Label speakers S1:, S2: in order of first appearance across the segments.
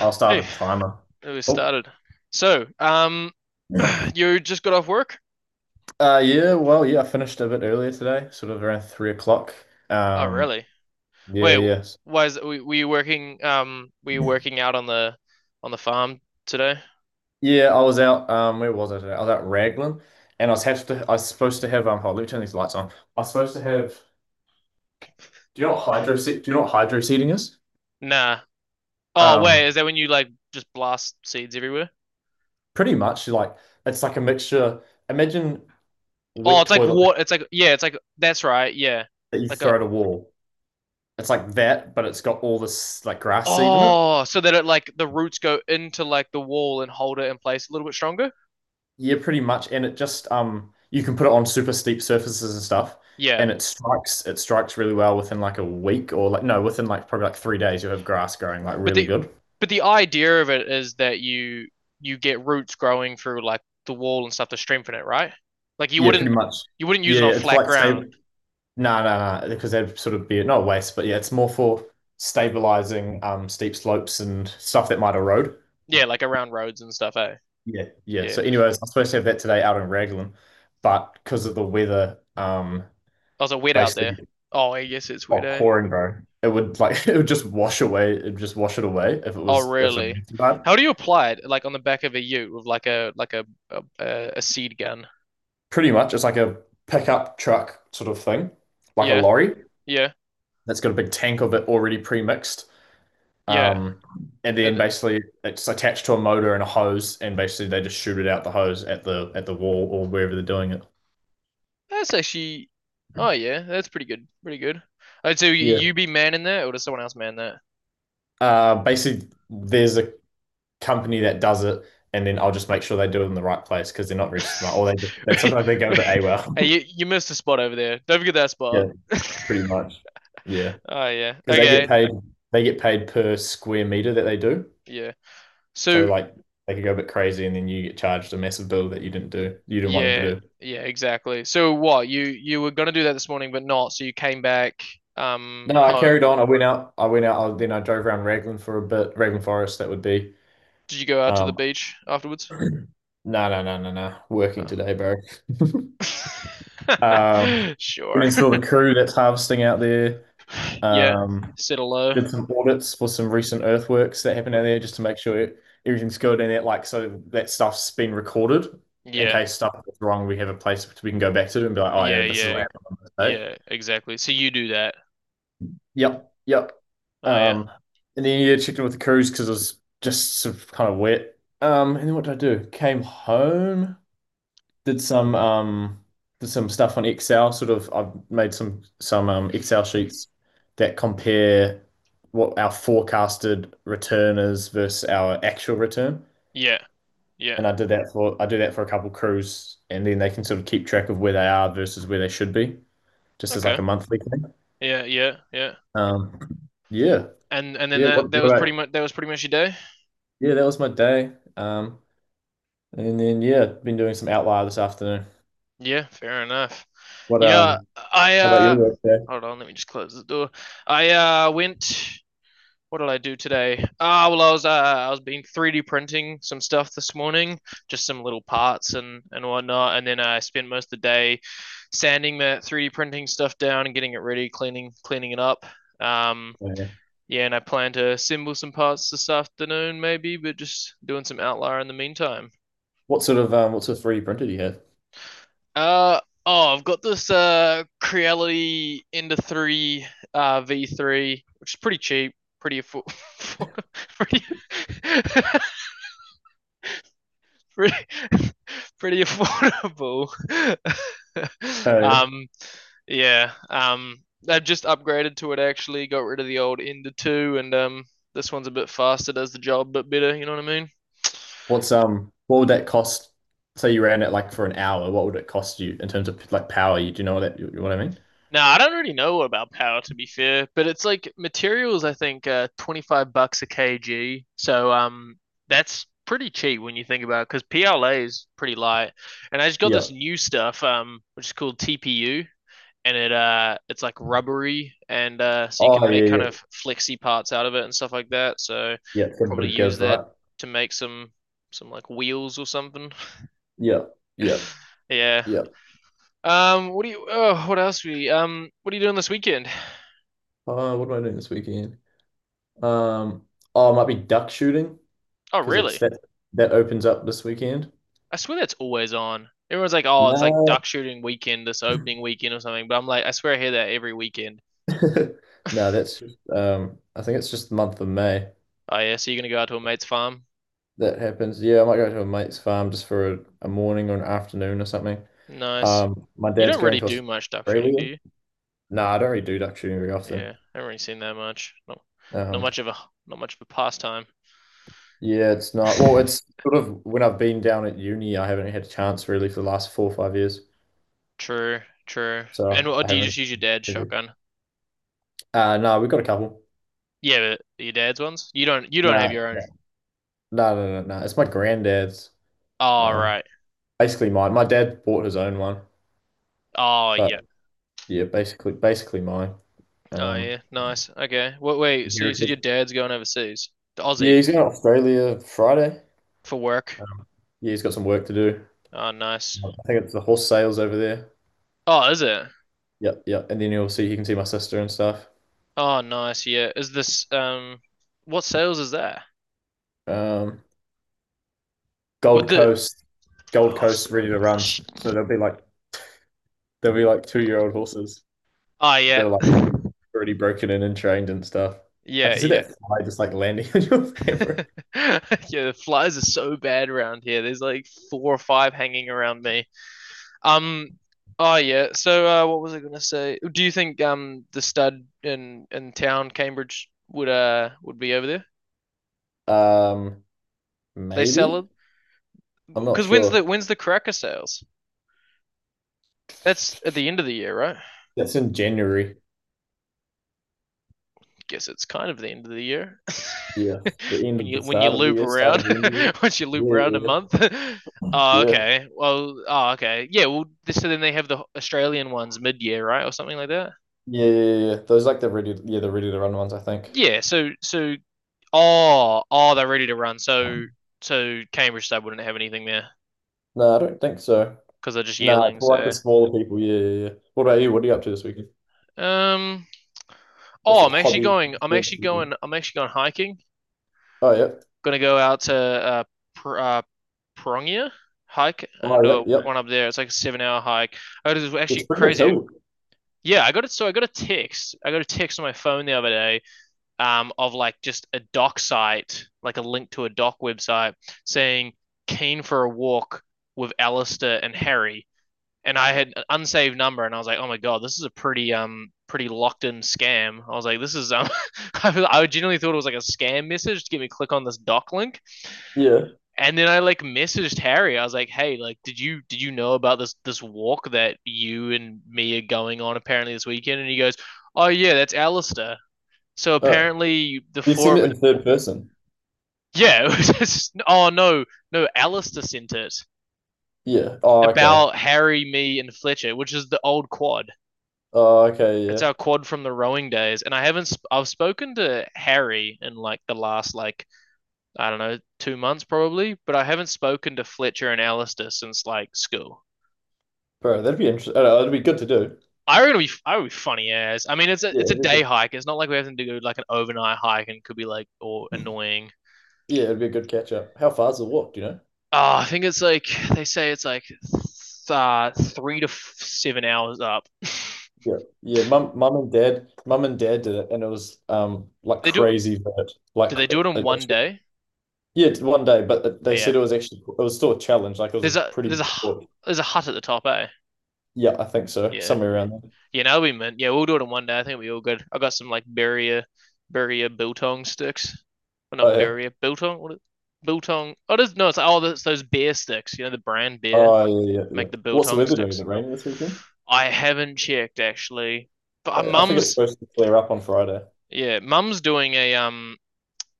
S1: I'll start
S2: Hey,
S1: at climber.
S2: we
S1: Oh,
S2: started. So, um, you just got off work?
S1: yeah. Well, yeah. I finished a bit earlier today, sort of around 3 o'clock.
S2: Oh,
S1: Um,
S2: really?
S1: yeah,
S2: Wait,
S1: yes,
S2: why is were you working? Were you working out on the farm today?
S1: yeah. I was out. Where was I today? I was out Raglan, and I was have to. I was supposed to have. Hold on, let me turn these lights on. I was supposed to have. Do you know what Do you know what hydro seeding is?
S2: Nah. Oh, wait,
S1: Um,
S2: is that when you like just blast seeds everywhere?
S1: pretty much like it's like a mixture. Imagine
S2: Oh,
S1: wet
S2: it's like
S1: toilet
S2: what?
S1: paper
S2: It's like yeah, it's like that's right. Yeah,
S1: that you
S2: like a
S1: throw at a wall. It's like that, but it's got all this like grass seed in it.
S2: oh, so that it like the roots go into like the wall and hold it in place a little bit stronger.
S1: Yeah, pretty much. And it just you can put it on super steep surfaces and stuff,
S2: Yeah.
S1: and it strikes really well within like a week or like no, within like probably like 3 days you'll have grass growing like
S2: But
S1: really
S2: the
S1: good.
S2: but the idea of it is that you get roots growing through like the wall and stuff to strengthen it, right? Like you
S1: Yeah, pretty
S2: wouldn't
S1: much.
S2: you wouldn't use
S1: Yeah,
S2: it on
S1: it's
S2: flat
S1: like stable.
S2: ground.
S1: No, no, no, because that'd sort of be not a waste, but yeah, it's more for stabilizing steep slopes and stuff that might erode.
S2: Yeah, like around roads and stuff, eh?
S1: Yeah, yeah.
S2: Yeah.
S1: So, anyways, I'm supposed to have that today out in Raglan, but because of the weather,
S2: Was it wet out
S1: basically.
S2: there? Oh, I guess it's wet,
S1: Oh,
S2: eh?
S1: pouring, bro. It would like it would just wash away. It would just wash it away if it
S2: Oh,
S1: was if the
S2: really?
S1: rain too bad.
S2: How do you apply it? Like on the back of a ute with like a seed gun.
S1: Pretty much, it's like a pickup truck sort of thing, like a
S2: Yeah,
S1: lorry
S2: yeah,
S1: that's got a big tank of it already pre-mixed.
S2: yeah.
S1: Um, and
S2: And
S1: then
S2: then,
S1: basically it's attached to a motor and a hose, and basically they just shoot it out the hose at the wall or wherever they're doing it.
S2: that's actually, oh yeah, that's pretty good, pretty good. Oh, so you
S1: Yeah.
S2: be manning that, or does someone else man that?
S1: Basically, there's a company that does it, and then I'll just make sure they do it in the right place because they're not very smart, or they sometimes they go a bit
S2: Hey,
S1: AWOL.
S2: you missed a spot over there. Don't forget that spot.
S1: Yeah, pretty much. Yeah.
S2: Oh yeah.
S1: Because they get
S2: Okay.
S1: paid they get paid per square meter that they do.
S2: Yeah.
S1: So
S2: So
S1: like they could go a bit crazy and then you get charged a massive bill that you didn't want them
S2: yeah,
S1: to do.
S2: yeah, exactly. So what, you were gonna do that this morning but not, so you came back
S1: No, I
S2: home.
S1: carried on. I went out. Then I drove around Raglan for a bit. Raglan Forest, that would be.
S2: Did you go out to the
S1: Um,
S2: beach afterwards?
S1: no, no. Working
S2: Oh.
S1: today, bro. um,
S2: Sure.
S1: Went and saw the crew that's harvesting out there.
S2: Yeah.
S1: Um,
S2: Settle low.
S1: did some audits for some recent earthworks that happened out
S2: What-
S1: there just to make sure everything's good and that, like, so that stuff's been recorded in
S2: Yeah.
S1: case stuff goes wrong we have a place we can go back to and be like, oh yeah,
S2: Yeah,
S1: this is what
S2: yeah.
S1: happened on this day.
S2: Yeah, exactly. So you do that.
S1: yep yep
S2: Oh yeah.
S1: um and then yeah, checked in with the crews because it was just sort of kind of wet. And then what did I do, came home, did some stuff on Excel. Sort of, I've made some Excel sheets that compare what our forecasted return is versus our actual return.
S2: Yeah. Yeah.
S1: And I do that for a couple crews, and then they can sort of keep track of where they are versus where they should be, just as like
S2: Okay.
S1: a monthly thing.
S2: Yeah, yeah, yeah.
S1: Um, yeah,
S2: And then
S1: yeah.
S2: that that was pretty much that was pretty much your day.
S1: Yeah, that was my day. And then yeah, been doing some outlier this afternoon.
S2: Yeah, fair enough.
S1: What
S2: Yeah, I
S1: how about your work day?
S2: hold on, let me just close the door. I went. What did I do today? Ah, well, I was been 3D printing some stuff this morning, just some little parts and whatnot, and then I spent most of the day sanding that 3D printing stuff down and getting it ready, cleaning it up. Um, yeah, and I plan to assemble some parts this afternoon, maybe, but just doing some outlier in the meantime.
S1: What sort of 3D printer do you have?
S2: Oh, I've got this Creality Ender three V three, which is pretty cheap, pretty affo- pretty, pretty pretty affordable.
S1: Uh,
S2: um yeah, I've just upgraded to it actually, got rid of the old Ender two, and this one's a bit faster, does the job a bit better. You know what I mean?
S1: what's what would that cost? Say you ran it like for an hour, what would it cost you in terms of like power? You know what I mean?
S2: No, I don't really know about power to be fair, but it's like materials. I think $25 a kg, so that's pretty cheap when you think about it because PLA is pretty light. And I just got
S1: Yeah.
S2: this new stuff which is called TPU, and it's like rubbery, and so you
S1: Oh
S2: can make
S1: yeah,
S2: kind
S1: yeah,
S2: of flexy parts out of it and stuff like that. So
S1: yeah. It's a
S2: probably
S1: bit of
S2: use
S1: give,
S2: that
S1: right?
S2: to make some like wheels or something.
S1: Yeah, yeah,
S2: yeah.
S1: yeah.
S2: What do you? Oh, what else? We what are you doing this weekend?
S1: What am I doing this weekend? Um, oh, it might be duck shooting,
S2: Oh,
S1: because it's
S2: really?
S1: that that opens up this weekend.
S2: I swear that's always on. Everyone's like, oh, it's like
S1: No.
S2: duck shooting weekend, this opening weekend or something. But I'm like, I swear I hear that every weekend.
S1: No, that's just I think it's just the month of May
S2: Oh, yeah. So you're going to go out to a mate's farm?
S1: that happens. Yeah, I might go to a mate's farm just for a morning or an afternoon or something.
S2: Nice.
S1: My
S2: You
S1: dad's
S2: don't
S1: going
S2: really
S1: to
S2: do much duck shooting, do
S1: Australia.
S2: you?
S1: No, I don't really do duck shooting very often.
S2: Yeah. I haven't really seen that much. Not, not
S1: Um
S2: much of a, not much of a pastime.
S1: yeah, it's not, well, it's sort of when I've been down at uni, I haven't had a chance really for the last 4 or 5 years.
S2: True, true. And
S1: So
S2: what,
S1: I
S2: do you
S1: haven't
S2: just use your dad's
S1: really-
S2: shotgun?
S1: no, we've got a couple.
S2: Yeah, but your dad's ones? You don't have
S1: Nah,
S2: your
S1: no,
S2: own.
S1: no. It's my granddad's.
S2: Oh,
S1: Um
S2: right.
S1: basically mine. My dad bought his own one,
S2: Oh, yeah.
S1: but yeah, basically mine.
S2: Oh,
S1: Um,
S2: yeah. Nice. Okay. Wait, wait. So you said your
S1: inherited.
S2: dad's going overseas to
S1: Yeah,
S2: Aussie?
S1: he's going to Australia Friday.
S2: For work.
S1: Yeah, he's got some work to do.
S2: Oh, nice.
S1: I think it's the horse sales over there.
S2: Oh, is it?
S1: Yep, yep. And then you can see my sister and stuff.
S2: Oh, nice. Yeah. Is this what sales is there?
S1: Um,
S2: Would
S1: Gold
S2: the
S1: Coast, Gold
S2: oh, s-
S1: Coast ready to runs. So they'll be like 2 year old horses.
S2: ah, yeah,
S1: They're like already broken in and trained and stuff. I
S2: yeah,
S1: can see that
S2: yeah,
S1: fly just like landing on your camera.
S2: yeah. The flies are so bad around here. There's like four or five hanging around me. Um, oh yeah. So, what was I gonna say? Do you think the stud in town, Cambridge, would be over there?
S1: Um,
S2: They sell it
S1: maybe. I'm not
S2: because
S1: sure.
S2: when's the cracker sales? That's at the end of the year, right?
S1: That's in January.
S2: Guess it's kind of the end of the year.
S1: Yes, the end
S2: When
S1: of
S2: you
S1: the
S2: when you
S1: start of the
S2: loop
S1: year, start
S2: around,
S1: of the end of
S2: once you
S1: the
S2: loop around a
S1: year. Yeah,
S2: month. Oh,
S1: yeah,
S2: okay. Well, oh, okay. Yeah. Well, so then they have the Australian ones mid-year, right, or something like that.
S1: yeah, yeah. Those like the ready, yeah, the ready to run ones, I think.
S2: Yeah. So, so, oh, oh, they're ready to run. So,
S1: Um,
S2: so Cambridge Stud wouldn't have anything there
S1: No, I don't think so.
S2: because they're just
S1: No, it's
S2: yearlings.
S1: more like the
S2: So,
S1: smaller people. Yeah, yeah, yeah. What about you? What are you up to this weekend?
S2: um,
S1: What
S2: oh,
S1: sort of hobbies? Experiences you doing?
S2: I'm actually going hiking
S1: Oh, yeah.
S2: gonna go out to Pr- uh Prongia hike. I'm gonna
S1: Oh,
S2: do
S1: yep,
S2: a one
S1: yep.
S2: up there. It's like a 7 hour hike. Oh, this is
S1: It's
S2: actually
S1: pretty big
S2: crazy.
S1: hill.
S2: Yeah, I got it. So I got a text on my phone the other day, of like just a doc site, like a link to a doc website, saying keen for a walk with Alistair and Harry. And I had an unsaved number, and I was like, oh my god, this is a pretty pretty locked in scam. I was like, this is I genuinely thought it was like a scam message to get me to click on this doc link
S1: Yeah.
S2: and then I like messaged Harry. I was like, "Hey, like, did you know about this this walk that you and me are going on apparently this weekend?" And he goes, "Oh yeah, that's Alistair." So
S1: Oh,
S2: apparently the
S1: you
S2: four
S1: seen
S2: of
S1: it
S2: it,
S1: in third person.
S2: yeah. It was just, oh no, no, Alistair sent it
S1: Yeah. Oh, okay.
S2: about Harry, me, and Fletcher, which is the old quad.
S1: Oh, okay.
S2: It's
S1: Yeah,
S2: our quad from the rowing days, and I haven't. Sp- I've spoken to Harry in like the last like I don't know 2 months probably, but I haven't spoken to Fletcher and Alistair since like school.
S1: bro, that'd be interesting. That'd be good to do.
S2: I reckon it'd be I would be funny as. I mean, it's a
S1: Yeah,
S2: it's a
S1: it'd be
S2: day
S1: good.
S2: hike. It's not like we have to do like an overnight hike and could be like or annoying.
S1: Yeah, it'd be a good catch up. How far's the walk? Do you know?
S2: Oh, I think it's like they say it's like 7 hours up.
S1: Yeah, yeah. Mum and dad did it, and it was like
S2: They do.
S1: crazy vert,
S2: Did
S1: like
S2: they do it
S1: it-
S2: in one
S1: actually-
S2: day?
S1: yeah, it's one day. But it-
S2: Oh,
S1: they said
S2: yeah.
S1: it was actually it was still a challenge. Like it was a
S2: There's a
S1: pretty
S2: there's
S1: big
S2: a
S1: book.
S2: there's a hut at the top, eh?
S1: Yeah, I think so,
S2: Yeah,
S1: somewhere
S2: yeah.
S1: around there.
S2: Yeah, now we meant. Yeah, we'll do it in one day. I think it'll be all good. I got some like Beria biltong sticks. Oh,
S1: Oh
S2: not
S1: yeah,
S2: Beria biltong. What is, biltong? Oh, no, it's all those beer sticks. You know the brand beer
S1: oh yeah, yeah, yeah, yeah.
S2: make the
S1: What's the
S2: biltong
S1: weather doing? Is
S2: sticks.
S1: it raining this weekend?
S2: I haven't checked actually, but
S1: I think it's
S2: mum's
S1: supposed to clear up on Friday.
S2: yeah,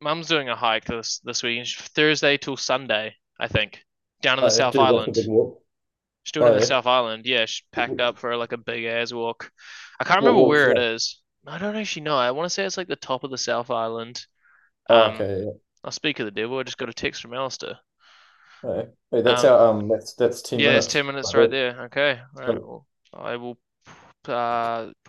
S2: mum's doing a hike this this weekend, Thursday till Sunday, I think, down in the
S1: Oh yeah,
S2: South
S1: gee, that's a big
S2: Island.
S1: walk.
S2: She's doing it in
S1: Oh
S2: the
S1: yeah,
S2: South Island. Yeah, she packed up
S1: W-
S2: for like a big ass walk. I can't
S1: what
S2: remember
S1: walk's
S2: where it
S1: that?
S2: is. I don't actually know. I want to say it's like the top of the South Island.
S1: Oh,
S2: Um,
S1: okay, yeah.
S2: I'll speak of the devil. I just got a text from Alistair.
S1: Oh, yeah. Hey, that's
S2: Um,
S1: our um, that's ten
S2: yeah, there's 10
S1: minutes
S2: minutes
S1: right
S2: right
S1: there.
S2: there. Okay. All right.
S1: So
S2: Well, I will uh,